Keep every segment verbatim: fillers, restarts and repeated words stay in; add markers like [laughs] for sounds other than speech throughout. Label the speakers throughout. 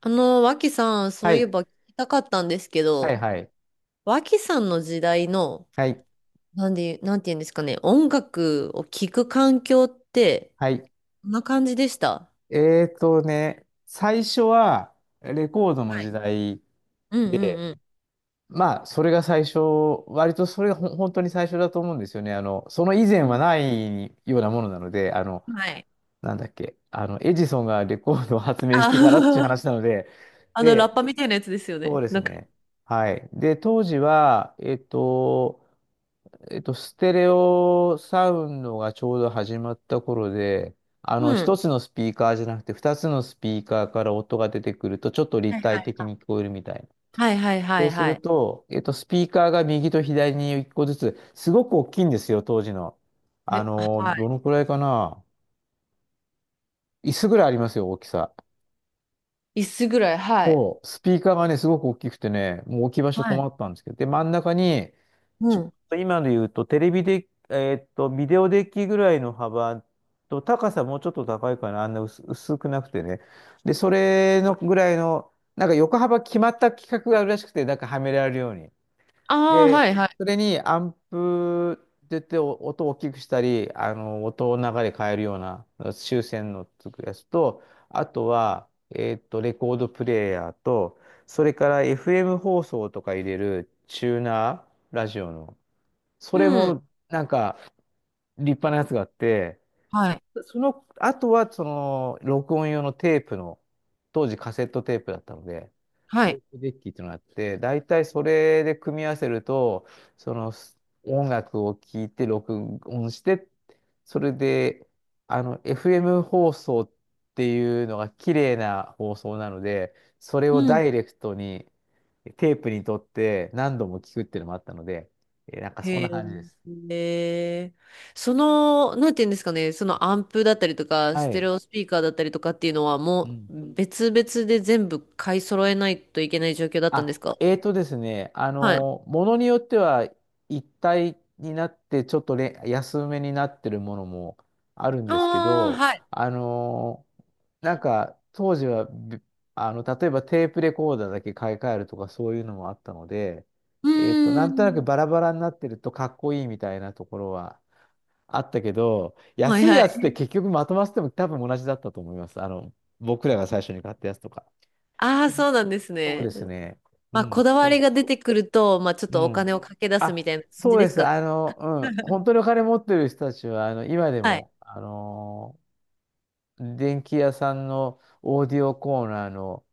Speaker 1: あの、脇さん、そ
Speaker 2: は
Speaker 1: ういえ
Speaker 2: い。
Speaker 1: ば聞きたかったんですけ
Speaker 2: はい
Speaker 1: ど、
Speaker 2: はい。
Speaker 1: 脇さんの時代の、
Speaker 2: はい。
Speaker 1: なんで、なんて言うんですかね、音楽を聴く環境って、
Speaker 2: はい。
Speaker 1: こんな感じでした。
Speaker 2: えーとね、最初はレコードの
Speaker 1: はい。
Speaker 2: 時代
Speaker 1: うんうん
Speaker 2: で、
Speaker 1: うん。
Speaker 2: まあ、それが最初、割とそれがほん本当に最初だと思うんですよね。あの、その以前
Speaker 1: う
Speaker 2: は
Speaker 1: ん
Speaker 2: ないようなものなので、あの、
Speaker 1: はい。
Speaker 2: なんだっけ、あの、エジソンがレコードを発明し
Speaker 1: あ
Speaker 2: てからっていう
Speaker 1: ー
Speaker 2: 話なので、
Speaker 1: [laughs] あの、ラッ
Speaker 2: で、
Speaker 1: パみたいなやつですよ
Speaker 2: そ
Speaker 1: ね。
Speaker 2: うです
Speaker 1: なんか、
Speaker 2: ね。はい。で、当時は、えっと、えっと、ステレオサウンドがちょうど始まった頃で、あの、
Speaker 1: うん。
Speaker 2: 一つのスピーカーじゃなくて、二つのスピーカーから音が出てくると、ちょっと
Speaker 1: は
Speaker 2: 立
Speaker 1: いは
Speaker 2: 体
Speaker 1: い
Speaker 2: 的に聞こえるみたいな。
Speaker 1: はいはいは
Speaker 2: そ
Speaker 1: い
Speaker 2: うす
Speaker 1: は
Speaker 2: る
Speaker 1: い。
Speaker 2: と、えっと、スピーカーが右と左にいっこずつ、すごく大きいんですよ、当時の。あ
Speaker 1: え、
Speaker 2: の、
Speaker 1: は
Speaker 2: ど
Speaker 1: い。
Speaker 2: のくらいかな。椅子ぐらいありますよ、大きさ。
Speaker 1: 椅子ぐらい、はい。
Speaker 2: そう、スピーカーがね、すごく大きくてね、もう置き場所
Speaker 1: はい。
Speaker 2: 困ったんですけど、で、真ん中に、
Speaker 1: う
Speaker 2: ちょっ
Speaker 1: ん。
Speaker 2: と今で言うと、テレビで、えーっと、ビデオデッキぐらいの幅と、高さもうちょっと高いかな、あんな薄、薄くなくてね。で、それのぐらいの、なんか横幅決まった規格があるらしくて、なんかはめられるように。
Speaker 1: ああ、は
Speaker 2: で、
Speaker 1: いはい。
Speaker 2: それにアンプって言ってお音を大きくしたり、あの、音を流れ変えるような修正のつくやつと、あとは、えっと、レコードプレイヤーと、それから エフエム 放送とか入れるチューナー、ラジオの。それ
Speaker 1: うん。
Speaker 2: も、なんか、立派なやつがあって、
Speaker 1: はい。
Speaker 2: そその、あとは、その、録音用のテープの、当時カセットテープだったので、
Speaker 1: は
Speaker 2: テ
Speaker 1: い。
Speaker 2: ープデッキっていうのがあって、大体それで組み合わせると、そのす音楽を聴いて録音して、それで、あの、エフエム 放送っていうのが綺麗な放送なので、それをダイレクトにテープにとって何度も聞くっていうのもあったので、えーなんかそん
Speaker 1: へ
Speaker 2: な感じです。
Speaker 1: え。その、なんていうんですかね、そのアンプだったりとか、
Speaker 2: は
Speaker 1: ステレ
Speaker 2: い。
Speaker 1: オスピーカーだったりとかっていうのは
Speaker 2: う
Speaker 1: も
Speaker 2: ん、
Speaker 1: う別々で全部買い揃えないといけない状況だったんで
Speaker 2: あ、
Speaker 1: すか？
Speaker 2: えーとですね、あ
Speaker 1: はい。あ
Speaker 2: の、ものによっては一体になってちょっとれ安めになってるものもあるんですけ
Speaker 1: あ、
Speaker 2: ど、
Speaker 1: はい。
Speaker 2: あの、なんか当時はびあの、例えばテープレコーダーだけ買い替えるとかそういうのもあったので、
Speaker 1: う
Speaker 2: えーと、
Speaker 1: ー
Speaker 2: なんとなく
Speaker 1: ん。
Speaker 2: バラバラになってるとかっこいいみたいなところはあったけど、
Speaker 1: はい
Speaker 2: 安い
Speaker 1: は
Speaker 2: やつって
Speaker 1: い。
Speaker 2: 結局まとまってても多分同じだったと思います。あの、僕らが最初に買ったやつとか。
Speaker 1: ああ、そうなんです
Speaker 2: そう
Speaker 1: ね。
Speaker 2: ですね。う
Speaker 1: まあ、
Speaker 2: ん、
Speaker 1: こだわ
Speaker 2: そ
Speaker 1: り
Speaker 2: う、
Speaker 1: が出てくると、まあ、ちょっ
Speaker 2: う
Speaker 1: とお金
Speaker 2: ん。
Speaker 1: をかけ出すみ
Speaker 2: あ、
Speaker 1: たいな感じ
Speaker 2: そう
Speaker 1: で
Speaker 2: で
Speaker 1: す
Speaker 2: す。
Speaker 1: かね。
Speaker 2: あの、うん。本
Speaker 1: [laughs]
Speaker 2: 当にお金持ってる人たちは、あの、今で
Speaker 1: はい。
Speaker 2: も、あのー電気屋さんのオーディオコーナーの、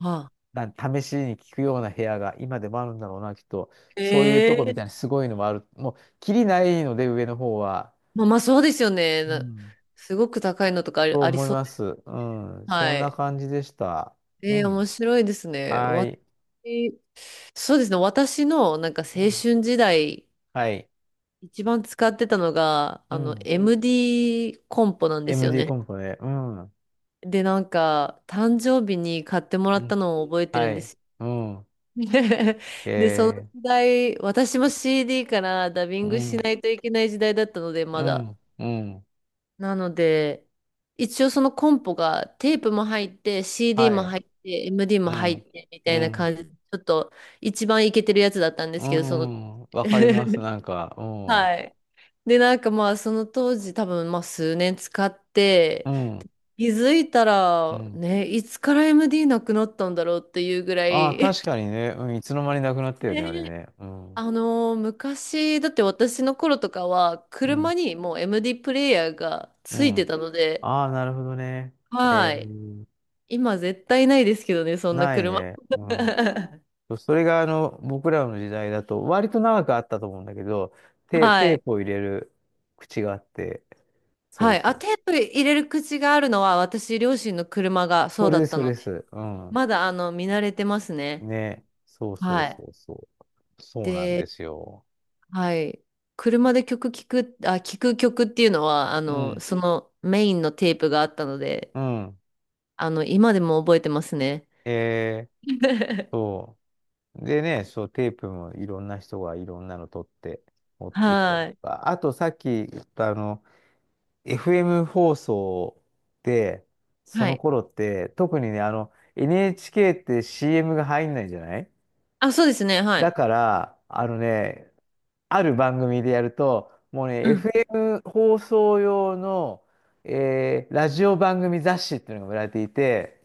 Speaker 1: はあ。
Speaker 2: なん、試しに聞くような部屋が今でもあるんだろうな、きっと。そういうとこ
Speaker 1: へ
Speaker 2: みたいに
Speaker 1: え。
Speaker 2: すごいのもある。もう、きりないので、上の方は。
Speaker 1: まあ、まあ、そうですよね。
Speaker 2: う
Speaker 1: な
Speaker 2: ん。
Speaker 1: すごく高いのとかあり、
Speaker 2: と
Speaker 1: あり
Speaker 2: 思い
Speaker 1: そう
Speaker 2: ま
Speaker 1: で
Speaker 2: す。
Speaker 1: す。
Speaker 2: うん。そ
Speaker 1: は
Speaker 2: んな
Speaker 1: い。
Speaker 2: 感じでした。う
Speaker 1: えー、面
Speaker 2: ん。
Speaker 1: 白いですね。
Speaker 2: は
Speaker 1: わ
Speaker 2: い。
Speaker 1: そうですね。私のなんか青
Speaker 2: うん。
Speaker 1: 春時代、
Speaker 2: はい。
Speaker 1: 一番使ってたのが、
Speaker 2: う
Speaker 1: あの、
Speaker 2: ん。
Speaker 1: エムディー コンポなんですよ
Speaker 2: エムディー
Speaker 1: ね。
Speaker 2: コンポね。うん。う
Speaker 1: で、なんか、誕生日に買ってもらっ
Speaker 2: ん。
Speaker 1: たのを覚えてる
Speaker 2: は
Speaker 1: んで
Speaker 2: い。
Speaker 1: すよ。
Speaker 2: うん。
Speaker 1: [laughs]
Speaker 2: え
Speaker 1: で、その時
Speaker 2: ー
Speaker 1: 代、私も シーディー からダビ
Speaker 2: う
Speaker 1: ング
Speaker 2: ん、
Speaker 1: しないといけない時代だったので、ま
Speaker 2: う
Speaker 1: だ。
Speaker 2: ん、うん、
Speaker 1: なので、一応そのコンポがテープも入って、シーディー
Speaker 2: は
Speaker 1: も
Speaker 2: い、
Speaker 1: 入って、エムディー
Speaker 2: う
Speaker 1: も入っ
Speaker 2: ん、
Speaker 1: てみ
Speaker 2: う
Speaker 1: たいな
Speaker 2: ん、
Speaker 1: 感じで、ちょっと一番イケてるやつだったんで
Speaker 2: う
Speaker 1: すけど、その、
Speaker 2: ん、わかります、
Speaker 1: [laughs]
Speaker 2: なんか、うん、う
Speaker 1: はい。で、なんかまあその当時多分まあ数年使って、
Speaker 2: ん、
Speaker 1: 気づいた
Speaker 2: う
Speaker 1: ら、
Speaker 2: ん。
Speaker 1: ね、いつから エムディー なくなったんだろうっていうぐら
Speaker 2: ああ、
Speaker 1: い、
Speaker 2: 確かにね、うん、いつの間になくなったよね、あれ
Speaker 1: ね、
Speaker 2: ね。うん、
Speaker 1: あのー昔、だって私の頃とかは、
Speaker 2: う
Speaker 1: 車
Speaker 2: ん、
Speaker 1: にもう エムディー プレイヤーが
Speaker 2: う
Speaker 1: ついて
Speaker 2: ん。
Speaker 1: たので、
Speaker 2: ああ、なるほどね。
Speaker 1: は
Speaker 2: え
Speaker 1: い。
Speaker 2: ー、
Speaker 1: 今絶対ないですけどね、そんな
Speaker 2: ない
Speaker 1: 車。
Speaker 2: ね。うん。
Speaker 1: [laughs]
Speaker 2: それが、あの、僕らの時代だと、割と長くあったと思うんだけど、テ、
Speaker 1: は
Speaker 2: テ
Speaker 1: い。
Speaker 2: ープを入れる口があって、そ
Speaker 1: は
Speaker 2: う
Speaker 1: い。
Speaker 2: そ
Speaker 1: あ、
Speaker 2: う。
Speaker 1: テープ入れる口があるのは、私、両親の車がそう
Speaker 2: そ
Speaker 1: だ
Speaker 2: れで
Speaker 1: っ
Speaker 2: す、
Speaker 1: た
Speaker 2: そ
Speaker 1: の
Speaker 2: れで
Speaker 1: で、
Speaker 2: す。うん。
Speaker 1: まだ、あの、見慣れてますね。
Speaker 2: ね。そうそ
Speaker 1: は
Speaker 2: う
Speaker 1: い。
Speaker 2: そうそう。そうなん
Speaker 1: で、
Speaker 2: ですよ。
Speaker 1: はい。車で曲聞く、あ、聞く曲っていうのは、あ
Speaker 2: う
Speaker 1: の、
Speaker 2: ん。
Speaker 1: そのメインのテープがあったので、
Speaker 2: うん。
Speaker 1: あの、今でも覚えてますね。
Speaker 2: えー、
Speaker 1: [laughs]
Speaker 2: そう。でね、そう、テープもいろんな人がいろんなの撮って持ってきたり
Speaker 1: は
Speaker 2: と
Speaker 1: い。
Speaker 2: か。あとさっき言ったあの、エフエム 放送で、そ
Speaker 1: は
Speaker 2: の
Speaker 1: い。
Speaker 2: 頃って、特にね、あの、エヌエイチケー って シーエム が入んないじゃない、
Speaker 1: あ、そうですね。はい。
Speaker 2: だから、あのね、ある番組でやると、もうね、
Speaker 1: うん。
Speaker 2: エフエム 放送用の、えーラジオ番組雑誌っていうのが売られていて、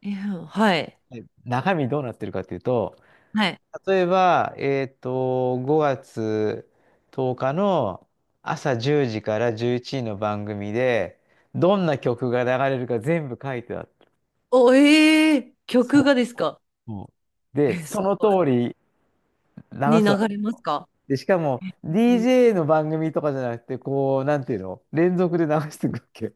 Speaker 1: いや、はい。
Speaker 2: はい。中身どうなってるかっていうと、
Speaker 1: はい。
Speaker 2: 例えば、えっと、ごがつとおかの朝じゅうじからじゅういちじの番組で、どんな曲が流れるか全部書いてあった。
Speaker 1: お、えー、曲
Speaker 2: そ
Speaker 1: がですか？
Speaker 2: うそう。で、
Speaker 1: え、
Speaker 2: そ
Speaker 1: す
Speaker 2: の
Speaker 1: ごい。
Speaker 2: 通り流
Speaker 1: に
Speaker 2: すわけ。
Speaker 1: 流れますか？
Speaker 2: で、しかも、ディージェー の番組とかじゃなくて、こう、なんていうの、連続で流していくわけ。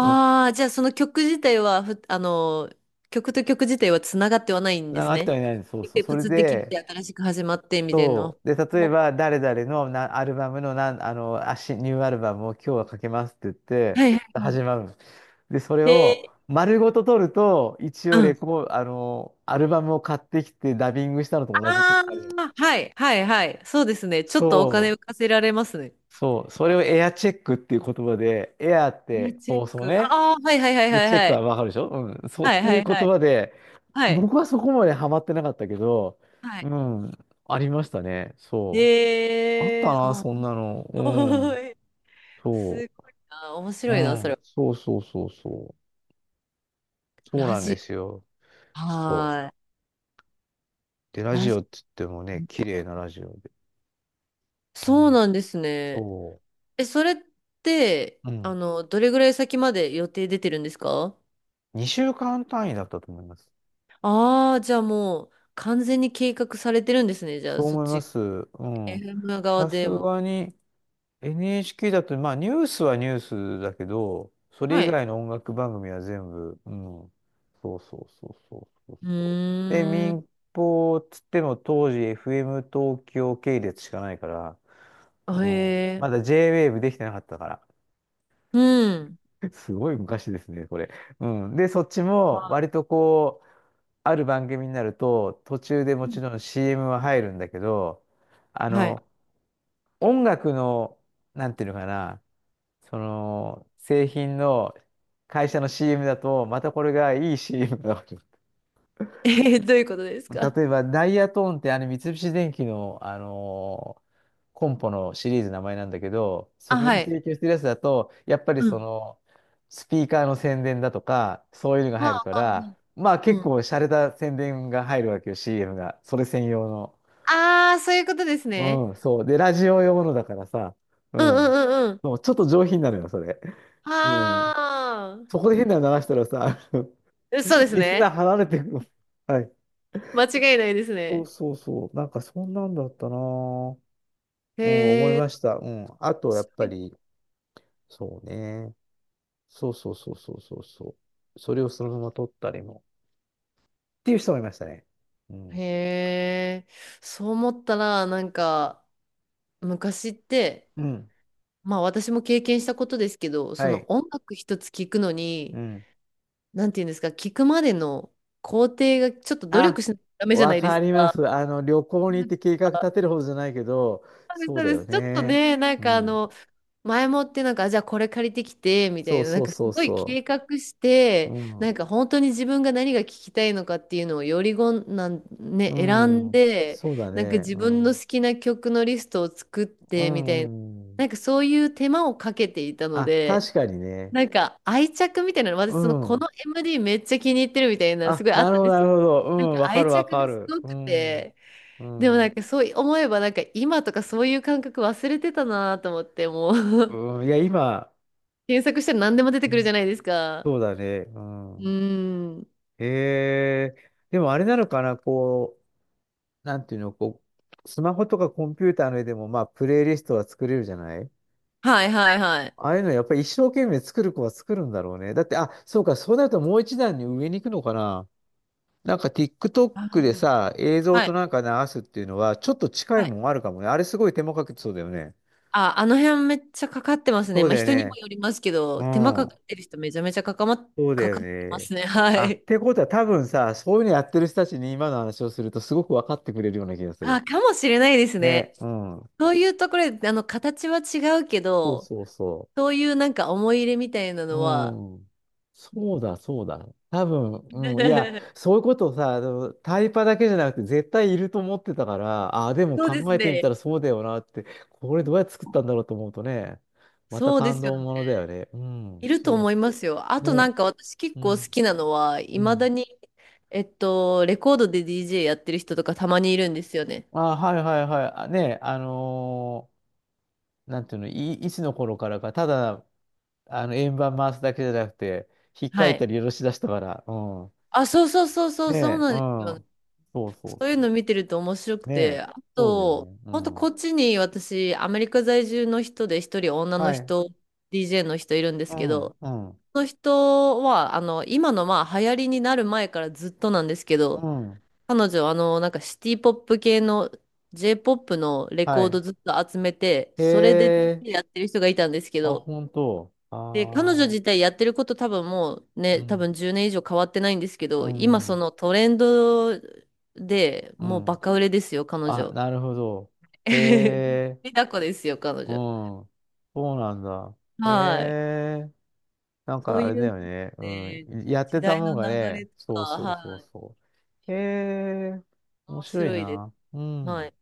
Speaker 2: うん。
Speaker 1: あー、じゃあその曲自体はふ、あの、曲と曲自体はつながってはないんで
Speaker 2: な
Speaker 1: す
Speaker 2: かあった
Speaker 1: ね。
Speaker 2: りないんです。そうそ
Speaker 1: で
Speaker 2: う。
Speaker 1: プ
Speaker 2: それ
Speaker 1: ツって切れて
Speaker 2: で、
Speaker 1: 新しく始まってみたいな。
Speaker 2: そう。で、例
Speaker 1: も
Speaker 2: え
Speaker 1: う
Speaker 2: ば、誰々のなアルバムの、なん、あの、あし、ニューアルバムを今日はかけますって言って、
Speaker 1: はいはいはい。
Speaker 2: 始まるんです。で、それ
Speaker 1: へ
Speaker 2: を丸ごと取ると、一
Speaker 1: ー
Speaker 2: 応
Speaker 1: うん。
Speaker 2: レコー、あの、アルバムを買ってきてダビングしたのと同じ結
Speaker 1: あ
Speaker 2: 果で。
Speaker 1: あ、はいはいはい。そうですね。ちょっとお金
Speaker 2: そ
Speaker 1: 浮か
Speaker 2: う。
Speaker 1: せられますね。
Speaker 2: そう。それをエアチェックっていう言葉で、エアっ
Speaker 1: いや、
Speaker 2: て
Speaker 1: チェッ
Speaker 2: 放送
Speaker 1: ク。
Speaker 2: ね。
Speaker 1: ああ、はいはいはい
Speaker 2: で、
Speaker 1: はい
Speaker 2: チェッ
Speaker 1: は
Speaker 2: ク
Speaker 1: い。
Speaker 2: はわかるでしょうん。そうっ
Speaker 1: はい
Speaker 2: て
Speaker 1: は
Speaker 2: いう
Speaker 1: い
Speaker 2: 言
Speaker 1: はい。
Speaker 2: 葉で、
Speaker 1: はい。
Speaker 2: 僕はそこまでハマってなかったけど、
Speaker 1: は
Speaker 2: う
Speaker 1: い。
Speaker 2: ん。ありましたね。そう。あっ
Speaker 1: へ
Speaker 2: た
Speaker 1: え、
Speaker 2: な、
Speaker 1: あ、
Speaker 2: そんなの。う
Speaker 1: お
Speaker 2: ん。
Speaker 1: ーい。す
Speaker 2: そ
Speaker 1: ごいな。面
Speaker 2: う。う
Speaker 1: 白いな、そ
Speaker 2: ん。
Speaker 1: れ。
Speaker 2: そうそうそうそう。そう
Speaker 1: ラ
Speaker 2: なんで
Speaker 1: ジ
Speaker 2: すよ。
Speaker 1: オ。
Speaker 2: そう。
Speaker 1: はーい。
Speaker 2: で、ラ
Speaker 1: ラ
Speaker 2: ジ
Speaker 1: ジ
Speaker 2: オって言っても
Speaker 1: オ
Speaker 2: ね、
Speaker 1: ね。
Speaker 2: 綺麗なラジオで。う
Speaker 1: そう
Speaker 2: ん。
Speaker 1: なんですね。
Speaker 2: そ
Speaker 1: え、それって、
Speaker 2: う。う
Speaker 1: あ
Speaker 2: ん。
Speaker 1: の、どれぐらい先まで予定出てるんですか？
Speaker 2: にしゅうかん単位だったと思います。
Speaker 1: ああー、じゃあもう完全に計画されてるんですね。じゃあ
Speaker 2: そう
Speaker 1: そっ
Speaker 2: 思いま
Speaker 1: ち、
Speaker 2: す。うん。
Speaker 1: エフエム 側
Speaker 2: さす
Speaker 1: でも。
Speaker 2: がに、エヌエイチケー だと、まあ、ニュースはニュースだけど、そ
Speaker 1: は
Speaker 2: れ以
Speaker 1: い。
Speaker 2: 外の音楽番組は全部、うん。そうそうそうそうそう
Speaker 1: う
Speaker 2: そう。で、
Speaker 1: ーん。
Speaker 2: 民放っつっても当時 エフエム 東京系列しかないから、
Speaker 1: あ
Speaker 2: う
Speaker 1: へ
Speaker 2: ん。
Speaker 1: え。
Speaker 2: まだ ジェイウェーブ できてなかったから。
Speaker 1: うん。
Speaker 2: [laughs] すごい昔ですね、これ。うん。で、そっちも割とこう、ある番組になると、途中でも
Speaker 1: うん
Speaker 2: ちろん シーエム は入るんだけど、あ
Speaker 1: はい。
Speaker 2: の、音楽の、なんていうのかな、その、製品の会社の シーエム だと、またこれがいい シーエム だわけ。
Speaker 1: [laughs] え、どういうことですか？
Speaker 2: 例えば、ダイヤトーンってあの三菱電機の、あのーコンポのシリーズの名前なんだけど、そ
Speaker 1: あ、
Speaker 2: こ
Speaker 1: は
Speaker 2: が
Speaker 1: い。
Speaker 2: 提供してるやつだと、やっぱり
Speaker 1: う
Speaker 2: そ
Speaker 1: ん。
Speaker 2: の、スピーカーの宣伝だとか、そういうのが
Speaker 1: ま
Speaker 2: 入る
Speaker 1: あ、
Speaker 2: か
Speaker 1: まあ、う
Speaker 2: ら、
Speaker 1: ん
Speaker 2: まあ
Speaker 1: う
Speaker 2: 結
Speaker 1: ん。
Speaker 2: 構洒落た宣伝が入るわけよ、シーエム が。それ専用の。
Speaker 1: ああ、そういうことですね。
Speaker 2: うん、そう。で、ラジオ用のだからさ、う
Speaker 1: うんう
Speaker 2: ん。
Speaker 1: んうんうん。
Speaker 2: そう、ちょっと上品なのよ、それ。うん。
Speaker 1: あ
Speaker 2: そこで変なの流したらさ、
Speaker 1: あ、そうで
Speaker 2: [laughs]
Speaker 1: す
Speaker 2: リスナ
Speaker 1: ね。
Speaker 2: ー離れてくの。はい。
Speaker 1: 間違いないです
Speaker 2: そう
Speaker 1: ね。
Speaker 2: そうそう。なんかそんなんだったなぁ。うん、思い
Speaker 1: へえ。
Speaker 2: ました。うん。あと、やっぱり、そうね。そうそうそうそうそうそう。それをそのまま撮ったりも。っていう人もいましたね。うん。
Speaker 1: へえ、そう思ったら、なんか、昔って、
Speaker 2: うん。
Speaker 1: まあ私も経験したことですけど、そ
Speaker 2: は
Speaker 1: の
Speaker 2: い。
Speaker 1: 音楽一つ聞くの
Speaker 2: う
Speaker 1: に、
Speaker 2: ん。
Speaker 1: なんていうんですか、聞くまでの工程がちょっと努力
Speaker 2: あ、
Speaker 1: しないとダメじゃな
Speaker 2: わ
Speaker 1: いで
Speaker 2: か
Speaker 1: す
Speaker 2: りま
Speaker 1: か。
Speaker 2: す。あの、旅行に行って計画立てるほどじゃないけど、
Speaker 1: そうです、
Speaker 2: そ
Speaker 1: そ
Speaker 2: う
Speaker 1: う
Speaker 2: だ
Speaker 1: で
Speaker 2: よ
Speaker 1: す。ちょっと
Speaker 2: ね。
Speaker 1: ね、なん
Speaker 2: う
Speaker 1: かあ
Speaker 2: ん。
Speaker 1: の、前もってなんか、あじゃあこれ借りてきて、みた
Speaker 2: そ
Speaker 1: い
Speaker 2: う
Speaker 1: な、なん
Speaker 2: そう
Speaker 1: かす
Speaker 2: そう
Speaker 1: ごい
Speaker 2: そ
Speaker 1: 計画し
Speaker 2: う。う
Speaker 1: て、なん
Speaker 2: ん。
Speaker 1: か本当に自分が何が聞きたいのかっていうのをよりごんなん、ね、
Speaker 2: う
Speaker 1: 選ん
Speaker 2: ん。
Speaker 1: で、
Speaker 2: そうだ
Speaker 1: なんか
Speaker 2: ね。
Speaker 1: 自
Speaker 2: う
Speaker 1: 分の
Speaker 2: ん。
Speaker 1: 好きな曲のリストを作っ
Speaker 2: う
Speaker 1: て、みたいな、
Speaker 2: ん。
Speaker 1: なんかそういう手間をかけていたの
Speaker 2: あ、
Speaker 1: で、
Speaker 2: 確かにね。
Speaker 1: なんか愛着みたいなの、私
Speaker 2: う
Speaker 1: そのこ
Speaker 2: ん。
Speaker 1: の エムディー めっちゃ気に入ってるみたいな、す
Speaker 2: あ、
Speaker 1: ごいあっ
Speaker 2: な
Speaker 1: た
Speaker 2: る
Speaker 1: ん
Speaker 2: ほ
Speaker 1: で
Speaker 2: ど、な
Speaker 1: す
Speaker 2: る
Speaker 1: よ。
Speaker 2: ほど。う
Speaker 1: なん
Speaker 2: ん、
Speaker 1: か
Speaker 2: わか
Speaker 1: 愛
Speaker 2: る、わ
Speaker 1: 着
Speaker 2: か
Speaker 1: がす
Speaker 2: る。
Speaker 1: ご
Speaker 2: う
Speaker 1: く
Speaker 2: ん。
Speaker 1: て、
Speaker 2: う
Speaker 1: でもなん
Speaker 2: ん。
Speaker 1: かそう思えばなんか今とかそういう感覚忘れてたなと思ってもう
Speaker 2: うん、いや、今、
Speaker 1: 検索したら何でも出て
Speaker 2: う
Speaker 1: くるじ
Speaker 2: ん、
Speaker 1: ゃないですか。
Speaker 2: そうだね。う
Speaker 1: うー
Speaker 2: ん。
Speaker 1: ん。
Speaker 2: へえ。でも、あれなのかな、こう、なんていうの、こう、スマホとかコンピューターの上でも、まあ、プレイリストは作れるじゃない、
Speaker 1: はいはいはい。
Speaker 2: ああいうの、やっぱり一生懸命作る子は作るんだろうね。だって、あ、そうか、そうなるともう一段に上に行くのかな。なんか
Speaker 1: あ、
Speaker 2: TikTok でさ、映像
Speaker 1: は
Speaker 2: と
Speaker 1: い。
Speaker 2: なんか流すっていうのは、ちょっと近い
Speaker 1: はい。
Speaker 2: もんあるかもね。あれすごい手間かけてそうだよね。
Speaker 1: あ、あの辺めっちゃかかってます
Speaker 2: そ
Speaker 1: ね。
Speaker 2: う
Speaker 1: まあ
Speaker 2: だよ
Speaker 1: 人にも
Speaker 2: ね。
Speaker 1: よりますけど、
Speaker 2: う
Speaker 1: 手間かか
Speaker 2: ん。
Speaker 1: ってる人めちゃめちゃかかま、
Speaker 2: そうだ
Speaker 1: かか
Speaker 2: よ
Speaker 1: ってま
Speaker 2: ね。
Speaker 1: すね。は
Speaker 2: あ、っ
Speaker 1: い。
Speaker 2: てことは多分さ、そういうのやってる人たちに今の話をするとすごく分かってくれるような気がす
Speaker 1: あ、
Speaker 2: る。
Speaker 1: かもしれないです
Speaker 2: ね。
Speaker 1: ね。
Speaker 2: うん。
Speaker 1: そういうところで、あの、形は違うけ
Speaker 2: そう
Speaker 1: ど、
Speaker 2: そうそう。
Speaker 1: そういうなんか思い入れみたいなのは、
Speaker 2: うん。そうだ、そうだ。多分、うん。いや、
Speaker 1: [laughs]
Speaker 2: そういうことをさ、あのタイパだけじゃなくて絶対いると思ってたから、ああ、でも
Speaker 1: そうです
Speaker 2: 考えてみ
Speaker 1: ね。
Speaker 2: たらそうだよなって、これどうやって作ったんだろうと思うとね、また
Speaker 1: そうで
Speaker 2: 感
Speaker 1: す
Speaker 2: 動
Speaker 1: よね。
Speaker 2: ものだよね。うん、
Speaker 1: いると
Speaker 2: そ
Speaker 1: 思いますよ。あ
Speaker 2: う。
Speaker 1: となん
Speaker 2: ね。
Speaker 1: か私結
Speaker 2: う
Speaker 1: 構好
Speaker 2: ん。
Speaker 1: きなのは、い
Speaker 2: う
Speaker 1: まだ
Speaker 2: ん。
Speaker 1: に、えっと、レコードで ディージェー やってる人とかたまにいるんですよね。
Speaker 2: あ、はいはいはい。あね、あのーなんていうの、い、いつの頃からか、ただ、あの、円盤回すだけじゃなくて、ひっか
Speaker 1: は
Speaker 2: いた
Speaker 1: い。
Speaker 2: り下ろし出したから、うん。
Speaker 1: あ、そうそうそうそう、
Speaker 2: ね
Speaker 1: そう
Speaker 2: え、
Speaker 1: な
Speaker 2: う
Speaker 1: んですよ。
Speaker 2: ん。そうそう
Speaker 1: そういう
Speaker 2: そう。
Speaker 1: の見てると面白く
Speaker 2: ね
Speaker 1: て、
Speaker 2: え、
Speaker 1: あ
Speaker 2: そうだよ
Speaker 1: と、
Speaker 2: ね。う
Speaker 1: 本当こっ
Speaker 2: ん。
Speaker 1: ちに私、アメリカ在住の人で一人女の
Speaker 2: はい。
Speaker 1: 人、ディージェー の人いるんで
Speaker 2: う
Speaker 1: すけ
Speaker 2: ん、
Speaker 1: ど、
Speaker 2: うん、
Speaker 1: その人は、あの、今のまあ流行りになる前からずっとなんですけど、
Speaker 2: うん。
Speaker 1: 彼女、あの、なんかシティポップ系の ジェーポップのレ
Speaker 2: は
Speaker 1: コード
Speaker 2: い。
Speaker 1: ずっと集めて、
Speaker 2: へ
Speaker 1: それで
Speaker 2: え、
Speaker 1: ディージェー やってる人がいたんですけ
Speaker 2: あ、
Speaker 1: ど、
Speaker 2: 本当。あ
Speaker 1: で、彼女自
Speaker 2: あ、
Speaker 1: 体やってること多分もう
Speaker 2: う
Speaker 1: ね、多
Speaker 2: ん、
Speaker 1: 分じゅうねん以上変わってないんですけ
Speaker 2: う
Speaker 1: ど、今そ
Speaker 2: ん、
Speaker 1: のトレンドで
Speaker 2: う
Speaker 1: もうバ
Speaker 2: ん。
Speaker 1: カ売れですよ、彼
Speaker 2: あ、
Speaker 1: 女。
Speaker 2: なるほど。へ
Speaker 1: [laughs]
Speaker 2: え、
Speaker 1: リタコですよ、彼
Speaker 2: う
Speaker 1: 女。
Speaker 2: ん。そうなんだ。へ
Speaker 1: はい。
Speaker 2: え、なん
Speaker 1: そう
Speaker 2: かあ
Speaker 1: い
Speaker 2: れだ
Speaker 1: う
Speaker 2: よね。う
Speaker 1: ね、
Speaker 2: ん。やっ
Speaker 1: 時
Speaker 2: てた
Speaker 1: 代
Speaker 2: も
Speaker 1: の
Speaker 2: んが
Speaker 1: 流れ
Speaker 2: ね、
Speaker 1: とか、
Speaker 2: そうそうそ
Speaker 1: は
Speaker 2: う
Speaker 1: い。
Speaker 2: そう。へえ、面
Speaker 1: 面
Speaker 2: 白い
Speaker 1: 白いです。
Speaker 2: な。う
Speaker 1: はい。
Speaker 2: ん。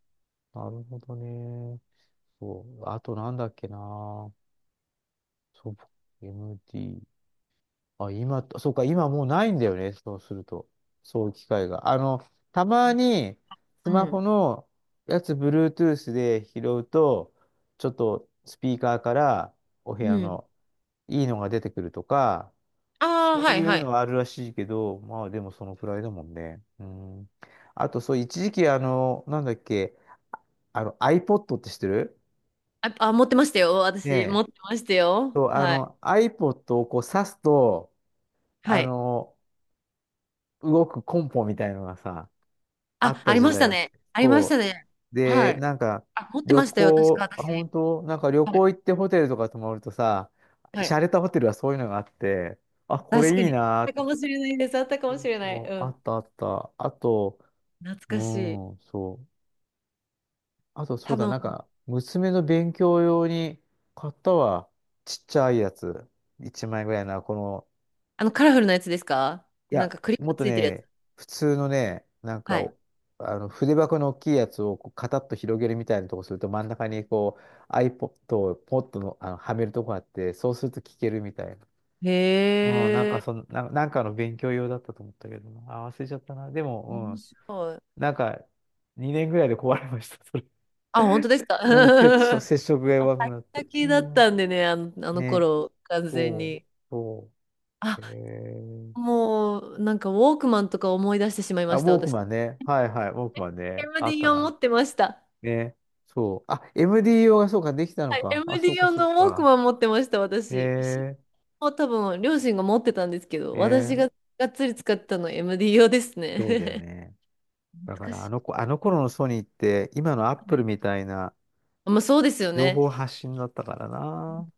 Speaker 2: なるほどね。そう。あとなんだっけな。そう、エムディー。あ、今、そうか、今もうないんだよね。そうすると。そういう機会が。あの、たまに、ス
Speaker 1: う
Speaker 2: マ
Speaker 1: ん。
Speaker 2: ホのやつ、Bluetooth で拾うと、ちょっとスピーカーからお部
Speaker 1: う
Speaker 2: 屋
Speaker 1: ん。
Speaker 2: のいいのが出てくるとか、
Speaker 1: ああ、
Speaker 2: そ
Speaker 1: は
Speaker 2: う
Speaker 1: いは
Speaker 2: いう
Speaker 1: い。
Speaker 2: のはあるらしいけど、まあでもそのくらいだもんね。うん。あと、そう、一時期、あの、なんだっけ、あの、iPod って知ってる
Speaker 1: あ、あ、持ってましたよ。
Speaker 2: ね
Speaker 1: 私、持
Speaker 2: え。
Speaker 1: ってましたよ。
Speaker 2: そう、あ
Speaker 1: はい。
Speaker 2: の、iPod をこう挿すと、
Speaker 1: は
Speaker 2: あ
Speaker 1: い。
Speaker 2: の、動くコンポみたいのがさ、あ
Speaker 1: あ、
Speaker 2: っ
Speaker 1: あ
Speaker 2: た
Speaker 1: り
Speaker 2: 時
Speaker 1: まし
Speaker 2: 代
Speaker 1: た
Speaker 2: があっ
Speaker 1: ね。
Speaker 2: て。
Speaker 1: ありました
Speaker 2: そ
Speaker 1: ね。
Speaker 2: う。
Speaker 1: は
Speaker 2: で、
Speaker 1: い。
Speaker 2: なんか、
Speaker 1: あ、持って
Speaker 2: 旅
Speaker 1: ましたよ。確か
Speaker 2: 行、あ、
Speaker 1: 私。
Speaker 2: 本当なんか旅
Speaker 1: はい。
Speaker 2: 行行ってホテルとか泊まるとさ、
Speaker 1: はい。
Speaker 2: 洒落たホテルはそういうのがあって、あ、こ
Speaker 1: 確か
Speaker 2: れいい
Speaker 1: に。
Speaker 2: な
Speaker 1: あった
Speaker 2: と
Speaker 1: か
Speaker 2: 思っ
Speaker 1: も
Speaker 2: て。
Speaker 1: しれないです。あったかもしれない。う
Speaker 2: もうあ
Speaker 1: ん。
Speaker 2: ったあった。あと、
Speaker 1: 懐
Speaker 2: う
Speaker 1: かしい。
Speaker 2: ん、そう。あと、そ
Speaker 1: 多
Speaker 2: うだ、なん
Speaker 1: 分、
Speaker 2: か、娘の勉強用に買ったわ。ちっちゃいやつ。いちまいぐらいな、この、
Speaker 1: あの、カラフルなやつですか
Speaker 2: い
Speaker 1: なん
Speaker 2: や、
Speaker 1: かクリッ
Speaker 2: も
Speaker 1: プ
Speaker 2: っと
Speaker 1: ついてるや
Speaker 2: ね、
Speaker 1: つ。
Speaker 2: 普通のね、なん
Speaker 1: は
Speaker 2: か
Speaker 1: い。
Speaker 2: おあの筆箱の大きいやつをこうカタッと広げるみたいなとこすると真ん中にこう iPod をポッとの、あのはめるとこがあって、そうすると聞けるみたいな。
Speaker 1: へ
Speaker 2: うん、なんか
Speaker 1: え。
Speaker 2: その、な、なんかの勉強用だったと思ったけどな、あ、忘れちゃったな。で
Speaker 1: 面
Speaker 2: も、
Speaker 1: 白い。
Speaker 2: うん、なんかにねんぐらいで壊れました、それ。
Speaker 1: あ、本当で
Speaker 2: [laughs]
Speaker 1: すか？
Speaker 2: もう接触、
Speaker 1: [laughs]
Speaker 2: 接触が
Speaker 1: あ、
Speaker 2: 弱くなって。
Speaker 1: 先
Speaker 2: う
Speaker 1: 々だっ
Speaker 2: ん。
Speaker 1: たんでね、あの、あの
Speaker 2: ね、
Speaker 1: 頃、完全
Speaker 2: そう、
Speaker 1: に。
Speaker 2: そ
Speaker 1: あ、
Speaker 2: う。へえ、
Speaker 1: もう、なんか、ウォークマンとか思い出してしまいま
Speaker 2: あ、ウ
Speaker 1: した、
Speaker 2: ォーク
Speaker 1: 私。
Speaker 2: マンね。はいはい、ウォークマンね。あった
Speaker 1: エムディー を持
Speaker 2: な。
Speaker 1: ってました。
Speaker 2: ね。そう。あ、エムディーオー がそうか、できたのか。あ、そ
Speaker 1: エムディー
Speaker 2: うか、
Speaker 1: 用
Speaker 2: そう
Speaker 1: のウォーク
Speaker 2: か。
Speaker 1: マン持ってました、私。し
Speaker 2: へ
Speaker 1: もう多分、両親が持ってたんですけど、
Speaker 2: え、
Speaker 1: 私
Speaker 2: ね。
Speaker 1: ががっつり使ってたの エムディー 用です
Speaker 2: そうだよ
Speaker 1: ね。[laughs]
Speaker 2: ね。だ
Speaker 1: 懐
Speaker 2: か
Speaker 1: か
Speaker 2: ら、あ
Speaker 1: し
Speaker 2: の子、あの
Speaker 1: い。
Speaker 2: 頃のソニーって、今のアッ
Speaker 1: は
Speaker 2: プ
Speaker 1: い、
Speaker 2: ルみたいな
Speaker 1: まあ、そうですよ
Speaker 2: 情報
Speaker 1: ね。
Speaker 2: 発信だったからな。